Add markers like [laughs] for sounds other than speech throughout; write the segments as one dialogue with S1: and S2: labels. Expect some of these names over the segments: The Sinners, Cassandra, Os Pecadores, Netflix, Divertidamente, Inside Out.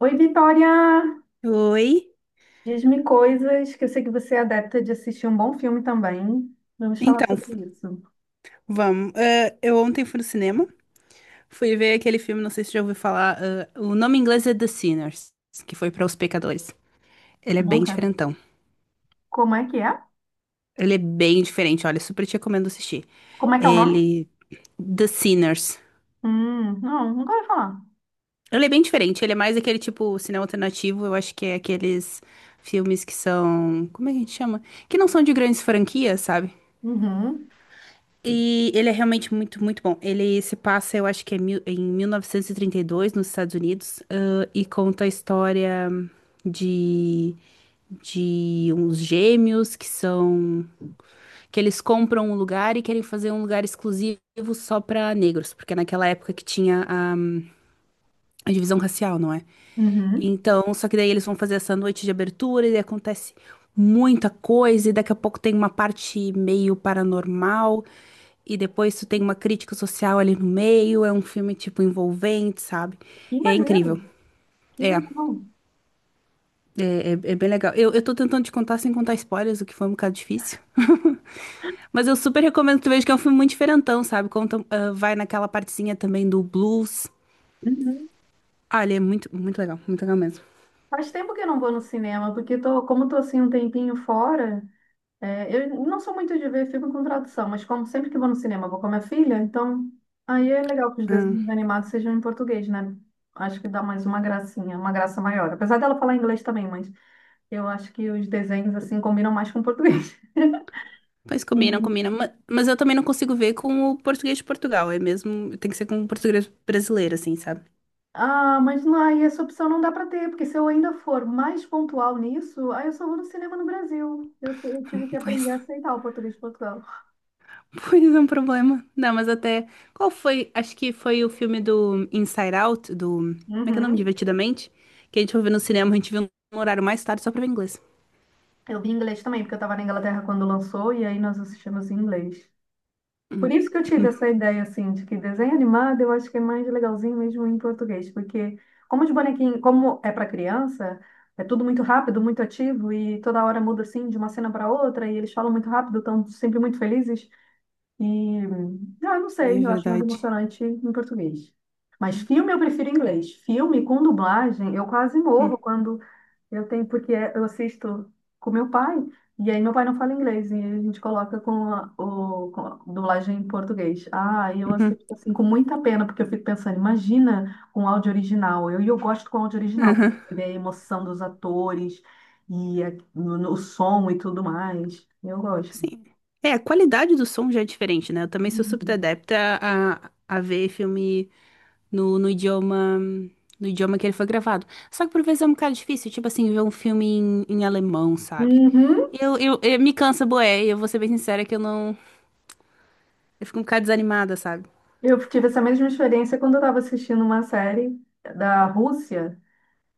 S1: Oi, Vitória!
S2: Oi.
S1: Diz-me coisas que eu sei que você é adepta de assistir um bom filme também. Vamos falar
S2: Então,
S1: sobre isso.
S2: vamos. Eu ontem fui no cinema, fui ver aquele filme, não sei se já ouviu falar. O nome em inglês é The Sinners, que foi para Os Pecadores. Ele é bem
S1: Nunca.
S2: diferentão.
S1: Como é que é?
S2: Ele é bem diferente, olha, super te recomendo assistir.
S1: Como é que é o nome?
S2: Ele. The Sinners.
S1: Não, nunca ouvi falar.
S2: Ele é bem diferente, ele é mais aquele tipo cinema alternativo, eu acho que é aqueles filmes que são. Como é que a gente chama? Que não são de grandes franquias, sabe?
S1: Uhum,
S2: E ele é realmente muito, muito bom. Ele se passa, eu acho que é em 1932, nos Estados Unidos, e conta a história de, de uns gêmeos que são, que eles compram um lugar e querem fazer um lugar exclusivo só para negros, porque é naquela época que tinha a divisão racial, não é?
S1: uhum.
S2: Então, só que daí eles vão fazer essa noite de abertura e acontece muita coisa, e daqui a pouco tem uma parte meio paranormal, e depois tu tem uma crítica social ali no meio, é um filme, tipo, envolvente, sabe?
S1: Que
S2: É
S1: maneiro!
S2: incrível.
S1: Que
S2: É, é,
S1: legal!
S2: é bem legal. Eu tô tentando te contar sem contar spoilers, o que foi um bocado difícil. [laughs] Mas eu super recomendo que tu veja que é um filme muito diferentão, sabe? Conta, ah, vai naquela partezinha também do blues.
S1: Uhum.
S2: Olha, é muito, muito legal mesmo.
S1: Faz tempo que eu não vou no cinema, porque tô, como tô assim um tempinho fora, é, eu não sou muito de ver filme com tradução, mas como sempre que vou no cinema, vou com a minha filha, então aí é legal que os desenhos animados sejam em português, né? Acho que dá mais uma gracinha, uma graça maior. Apesar dela falar inglês também, mas eu acho que os desenhos assim combinam mais com o português. [laughs]
S2: Pois combina,
S1: E,
S2: combina. Mas eu também não consigo ver com o português de Portugal. É mesmo. Tem que ser com o português brasileiro, assim, sabe?
S1: ah, mas não, aí essa opção não dá para ter, porque se eu ainda for mais pontual nisso, aí eu só vou no cinema no Brasil. Eu tive que
S2: [laughs] Pois,
S1: aprender a aceitar o português de Portugal.
S2: pois é um problema. Não, mas até. Qual foi? Acho que foi o filme do Inside Out, do. Como é que é o nome?
S1: Uhum.
S2: Divertidamente? Que a gente foi ver no cinema, a gente viu no horário mais tarde só pra ver inglês.
S1: Eu vi inglês também, porque eu estava na Inglaterra quando lançou, e aí nós assistimos em inglês. Por isso que eu tive essa ideia, assim, de que desenho animado eu acho que é mais legalzinho mesmo em português, porque como os bonequinhos, como é para criança, é tudo muito rápido, muito ativo e toda hora muda, assim, de uma cena para outra e eles falam muito rápido, estão sempre muito felizes e, ah, eu não
S2: É
S1: sei, eu acho mais
S2: verdade.
S1: emocionante em português. Mas
S2: Hum,
S1: filme eu prefiro em inglês. Filme com dublagem, eu quase morro
S2: hum,
S1: quando eu tenho porque eu assisto com meu pai, e aí meu pai não fala inglês, e a gente coloca com a dublagem em português. Ah, e eu
S2: uhum,
S1: assisto assim com muita pena, porque eu fico pensando, imagina com áudio original. E eu gosto com áudio original,
S2: uhum.
S1: ver a emoção dos atores e o som e tudo mais. Eu gosto.
S2: Sim. É, a qualidade do som já é diferente, né? Eu também sou super
S1: Uhum.
S2: adepta a ver filme, no, no idioma, no idioma que ele foi gravado. Só que por vezes é um bocado difícil, tipo assim, ver um filme em, em alemão, sabe?
S1: Uhum.
S2: Me cansa, boé, eu vou ser bem sincera que eu não, eu fico um bocado desanimada, sabe?
S1: Eu tive essa mesma experiência quando eu estava assistindo uma série da Rússia.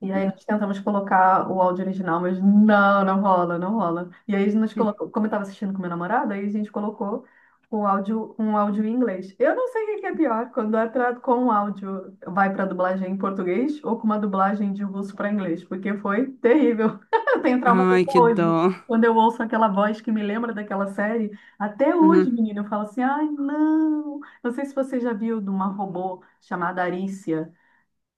S1: E aí nós tentamos colocar o áudio original, mas não rola, não rola. E aí nós
S2: Hum.
S1: colocou, como eu estava assistindo com meu namorado, aí a gente colocou o áudio, um áudio em inglês. Eu não sei o que que é pior, quando é com o áudio vai para dublagem em português ou com uma dublagem de russo para inglês, porque foi terrível. [laughs] Eu tenho trauma até
S2: Ai, que dó.
S1: hoje. Quando eu ouço aquela voz que me lembra daquela série, até hoje,
S2: Uhum.
S1: menina, eu falo assim, ai, não. Não sei se você já viu de uma robô chamada Arícia.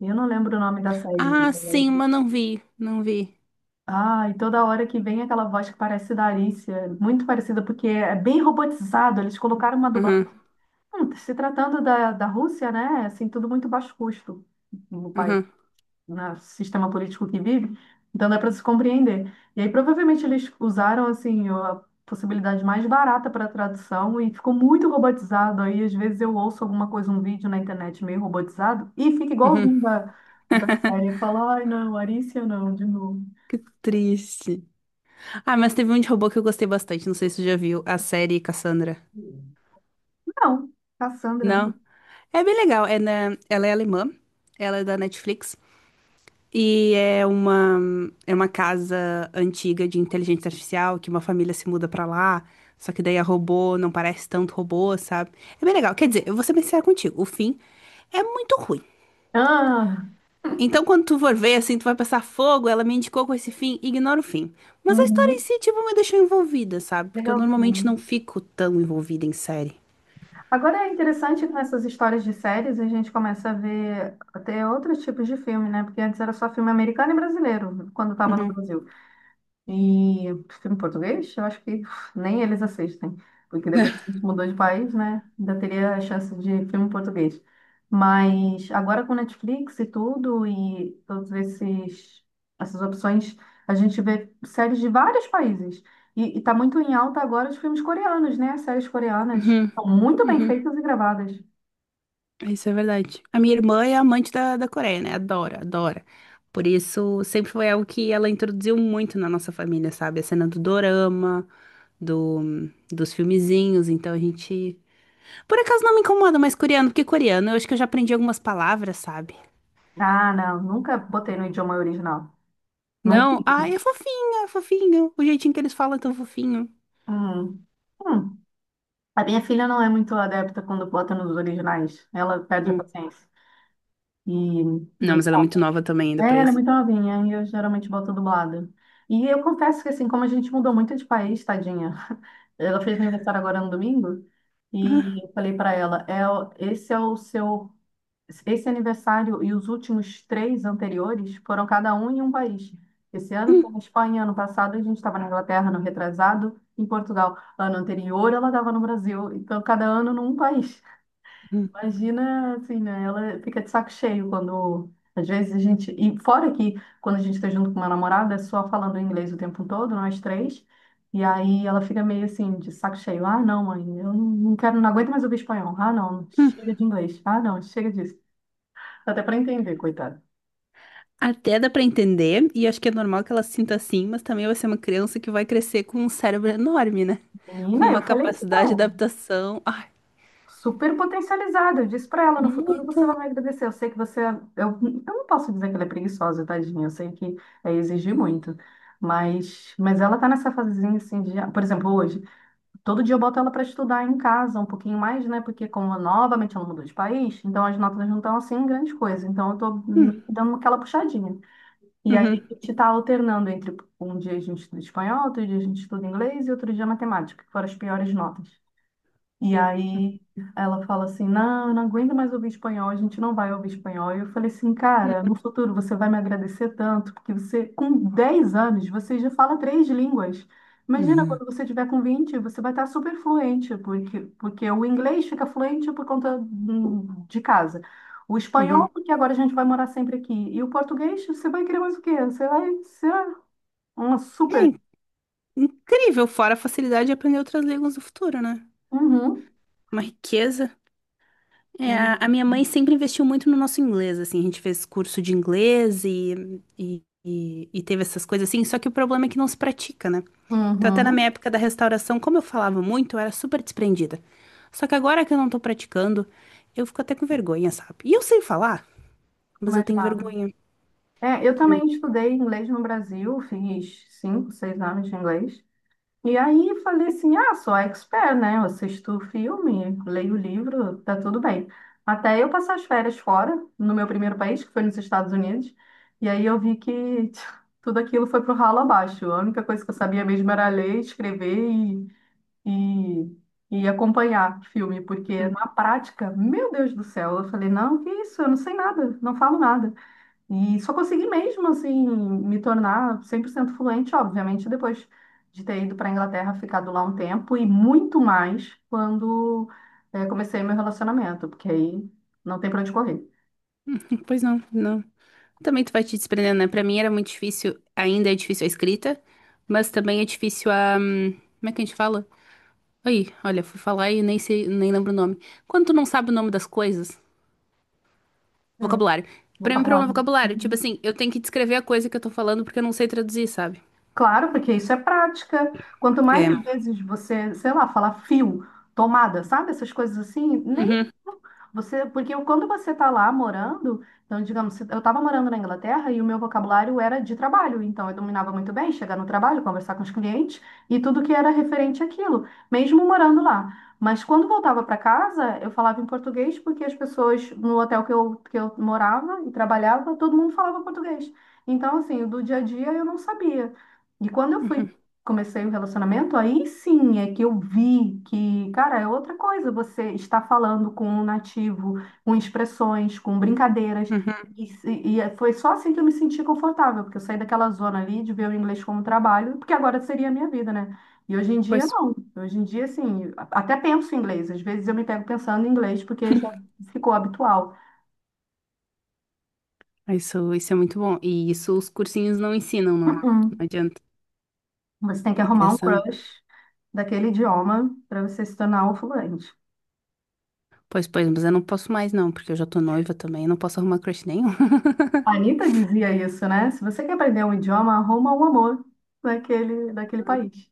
S1: Eu não lembro o nome da série.
S2: Ah, sim, mas não vi, não vi.
S1: Ah, e toda hora que vem aquela voz que parece da Alicia, muito parecida, porque é bem robotizado, eles colocaram uma dublagem.
S2: Uhum,
S1: Se tratando da Rússia, né? Assim, tudo muito baixo custo no país,
S2: uhum,
S1: no sistema político que vive, então dá para se compreender. E aí provavelmente eles usaram, assim, a possibilidade mais barata para tradução e ficou muito robotizado. Aí às vezes eu ouço alguma coisa, um vídeo na internet meio robotizado e fica
S2: uhum.
S1: igualzinho da, o da
S2: [laughs]
S1: série. Eu falo, ai não, Alicia não, de novo.
S2: Que triste. Ah, mas teve um de robô que eu gostei bastante, não sei se você já viu, a série Cassandra.
S1: Não, Cassandra, né?
S2: Não? É bem legal, ela é alemã, ela é da Netflix. E é uma, é uma casa antiga de inteligência artificial que uma família se muda pra lá. Só que daí a robô não parece tanto robô, sabe? É bem legal. Quer dizer, eu vou ser bem sincera contigo. O fim é muito ruim.
S1: Ah,
S2: Então, quando tu for ver, assim, tu vai passar fogo, ela me indicou com esse fim, ignora o fim. Mas a história em
S1: uhum,
S2: si, tipo, me deixou envolvida, sabe? Porque eu normalmente não
S1: legalzinho.
S2: fico tão envolvida em série.
S1: Agora é interessante que nessas histórias de séries a gente começa a ver até outros tipos de filme, né? Porque antes era só filme americano e brasileiro, quando estava no
S2: Uhum.
S1: Brasil. E filme português, eu acho que uf, nem eles assistem, porque depois que a gente mudou de país, né, ainda teria a chance de filme português. Mas agora com Netflix e tudo, e todos esses, essas opções, a gente vê séries de vários países. E tá muito em alta agora os filmes coreanos, né? As séries coreanas
S2: Uhum,
S1: são muito bem
S2: uhum.
S1: feitas e gravadas.
S2: Isso é verdade. A minha irmã é amante da Coreia, né? Adora, adora. Por isso, sempre foi algo que ela introduziu muito na nossa família, sabe? A cena do dorama, do, dos filmezinhos. Então a gente. Por acaso não me incomoda mais coreano, porque coreano eu acho que eu já aprendi algumas palavras, sabe?
S1: Ah, não, nunca botei no idioma original. Nunca.
S2: Não, ai, é fofinho, é fofinho. O jeitinho que eles falam é tão fofinho.
S1: Hum. Hum. A minha filha não é muito adepta quando bota nos originais. Ela perde a
S2: Hum.
S1: paciência. E
S2: Não, mas ela é muito nova também ainda
S1: é,
S2: pra
S1: ela é
S2: isso.
S1: muito novinha e eu geralmente boto dublado. E eu confesso que assim, como a gente mudou muito de país, tadinha. [laughs] Ela fez aniversário agora no domingo e eu falei pra ela, é, esse é o seu esse aniversário e os últimos três anteriores foram cada um em um país. Esse ano foi na
S2: [laughs]
S1: Espanha, ano passado a gente estava na Inglaterra, no retrasado, em Portugal. Ano anterior ela estava no Brasil, então cada ano num país. Imagina, assim, né? Ela fica de saco cheio quando, às vezes, a gente. E fora que, quando a gente está junto com uma namorada, é só falando inglês o tempo todo, nós três. E aí ela fica meio assim, de saco cheio. Ah, não, mãe, eu não quero, não aguento mais ouvir espanhol. Ah, não, chega de inglês. Ah, não, chega disso até para entender, coitada.
S2: Até dá pra entender, e acho que é normal que ela se sinta assim, mas também vai ser uma criança que vai crescer com um cérebro enorme, né? [laughs]
S1: Menina, eu
S2: Uma
S1: falei isso para
S2: capacidade de
S1: ela.
S2: adaptação. Ai,
S1: Super potencializada. Eu disse para ela, no futuro você
S2: muito.
S1: vai me agradecer. Eu sei que você. Eu não posso dizer que ela é preguiçosa, tadinha. Eu sei que é exigir muito. Mas ela tá nessa fasezinha assim de. Por exemplo, hoje, todo dia eu boto ela para estudar em casa um pouquinho mais, né? Porque como novamente ela mudou de país, então as notas não estão assim grande coisa. Então eu tô
S2: Hum,
S1: meio que dando aquela puxadinha. E aí
S2: uhum,
S1: a gente está alternando entre um dia a gente estuda espanhol, outro dia a gente estuda inglês e outro dia matemática, que foram as piores notas. E aí ela fala assim: não, eu não aguento mais ouvir espanhol, a gente não vai ouvir espanhol. E eu falei assim: cara, no futuro você vai me agradecer tanto, porque você, com 10 anos, você já fala três línguas. Imagina
S2: uhum,
S1: quando você tiver com 20, você vai estar super fluente, porque, porque o inglês fica fluente por conta de casa. O
S2: uhum,
S1: espanhol,
S2: uhum.
S1: porque agora a gente vai morar sempre aqui. E o português, você vai querer mais o quê? Você vai ser uma
S2: É
S1: super.
S2: in- incrível, fora a facilidade de aprender outras línguas no futuro, né?
S1: Uhum.
S2: Uma riqueza. É, a
S1: Sim.
S2: a minha mãe sempre investiu muito no nosso inglês, assim, a gente fez curso de inglês e teve essas coisas assim, só que o problema é que não se pratica, né? Então, até na minha
S1: Uhum.
S2: época da restauração, como eu falava muito, eu era super desprendida. Só que agora que eu não tô praticando, eu fico até com vergonha, sabe? E eu sei falar, mas eu
S1: Vai
S2: tenho
S1: lá.
S2: vergonha.
S1: É, eu também estudei inglês no Brasil, fiz 5, 6 anos de inglês. E aí falei assim, ah, sou expert, né? Eu assisto filme, leio livro, tá tudo bem. Até eu passar as férias fora, no meu primeiro país, que foi nos Estados Unidos, e aí eu vi que [laughs] tudo aquilo foi pro ralo abaixo. A única coisa que eu sabia mesmo era ler, escrever e acompanhar filme, porque
S2: Uhum.
S1: na prática, meu Deus do céu, eu falei, não, que isso, eu não sei nada, não falo nada. E só consegui mesmo, assim, me tornar 100% fluente, obviamente, depois de ter ido para a Inglaterra, ficado lá um tempo, e muito mais quando comecei meu relacionamento, porque aí não tem para onde correr.
S2: [laughs] Pois não, não. Também tu vai te desprendendo, né? Pra mim era muito difícil, ainda é difícil a escrita, mas também é difícil a. Como é que a gente fala? Aí, olha, fui falar e nem sei, nem lembro o nome. Quando tu não sabe o nome das coisas,
S1: Hum.
S2: vocabulário. Pra mim, problema é
S1: Vocabulário.
S2: vocabulário. Tipo assim, eu tenho que descrever a coisa que eu tô falando porque eu não sei traduzir, sabe?
S1: Claro, porque isso é prática. Quanto mais
S2: É.
S1: vezes você, sei lá, falar fio, tomada, sabe? Essas coisas assim, nem
S2: Uhum.
S1: você, porque quando você tá lá morando, então, digamos, eu estava morando na Inglaterra e o meu vocabulário era de trabalho, então eu dominava muito bem chegar no trabalho, conversar com os clientes e tudo que era referente àquilo, mesmo morando lá. Mas quando voltava para casa, eu falava em português porque as pessoas no hotel que eu morava e trabalhava, todo mundo falava português. Então, assim, do dia a dia eu não sabia. E quando eu fui,
S2: Uhum.
S1: comecei o relacionamento, aí sim é que eu vi que, cara, é outra coisa você está falando com um nativo, com expressões, com brincadeiras.
S2: Uhum,
S1: Foi só assim que eu me senti confortável, porque eu saí daquela zona ali de ver o inglês como trabalho, porque agora seria a minha vida, né? E hoje em dia,
S2: pois,
S1: não. Hoje em dia, assim, até penso em inglês. Às vezes eu me pego pensando em inglês, porque já ficou habitual.
S2: isso é muito bom. E isso os cursinhos não ensinam, não é? Não
S1: Uhum.
S2: adianta.
S1: Você tem que
S2: E ter
S1: arrumar um
S2: essa.
S1: crush daquele idioma para você se tornar o fluente.
S2: Pois, pois, mas eu não posso mais, não, porque eu já tô noiva também, eu não posso arrumar crush nenhum. [laughs]
S1: A Anitta dizia isso, né? Se você quer aprender um idioma, arruma um amor daquele país.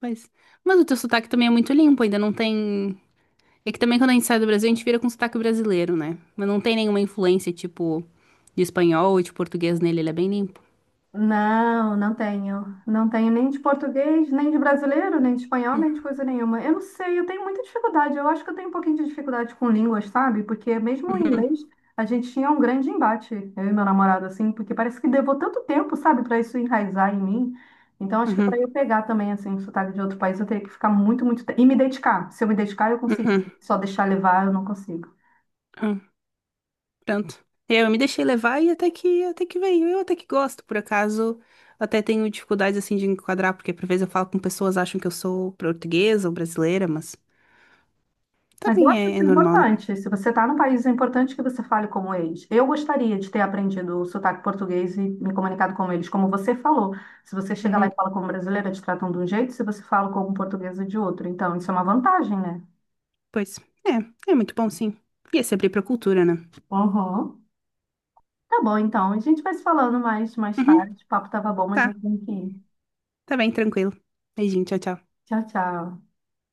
S2: Pois. Mas o teu sotaque também é muito limpo, ainda não tem. É que também quando a gente sai do Brasil, a gente vira com sotaque brasileiro, né? Mas não tem nenhuma influência, tipo, de espanhol ou de português nele, ele é bem limpo.
S1: Não, não tenho. Não tenho nem de português, nem de brasileiro, nem de espanhol, nem de coisa nenhuma. Eu não sei, eu tenho muita dificuldade. Eu acho que eu tenho um pouquinho de dificuldade com línguas, sabe? Porque mesmo o inglês, a gente tinha um grande embate, eu e meu namorado, assim, porque parece que levou tanto tempo, sabe, para isso enraizar em mim. Então, acho que para
S2: Uhum,
S1: eu pegar também, assim, o sotaque de outro país, eu teria que ficar muito, muito tempo. E me dedicar. Se eu me dedicar, eu consigo.
S2: uhum.
S1: Só deixar levar, eu não consigo.
S2: Pronto. Eu me deixei levar e até que veio. Eu até que gosto, por acaso. Até tenho dificuldades assim de enquadrar, porque por vezes eu falo com pessoas acham que eu sou portuguesa ou brasileira, mas
S1: Mas eu
S2: também
S1: acho
S2: é,
S1: isso
S2: é normal, né?
S1: importante. Se você está num país, é importante que você fale como eles. Eu gostaria de ter aprendido o sotaque português e me comunicado com eles, como você falou. Se você chega lá
S2: Uhum.
S1: e fala como brasileira, te tratam de um jeito, se você fala como portuguesa, de outro. Então, isso é uma vantagem, né?
S2: Pois. É, é muito bom sim. E é sempre pra cultura, né?
S1: Uhum. Tá bom, então. A gente vai se falando mais, mais
S2: Uhum.
S1: tarde. O papo tava bom, mas eu
S2: Tá,
S1: tenho que ir.
S2: tá bem, tranquilo. Beijinho, tchau, tchau.
S1: Tchau, tchau.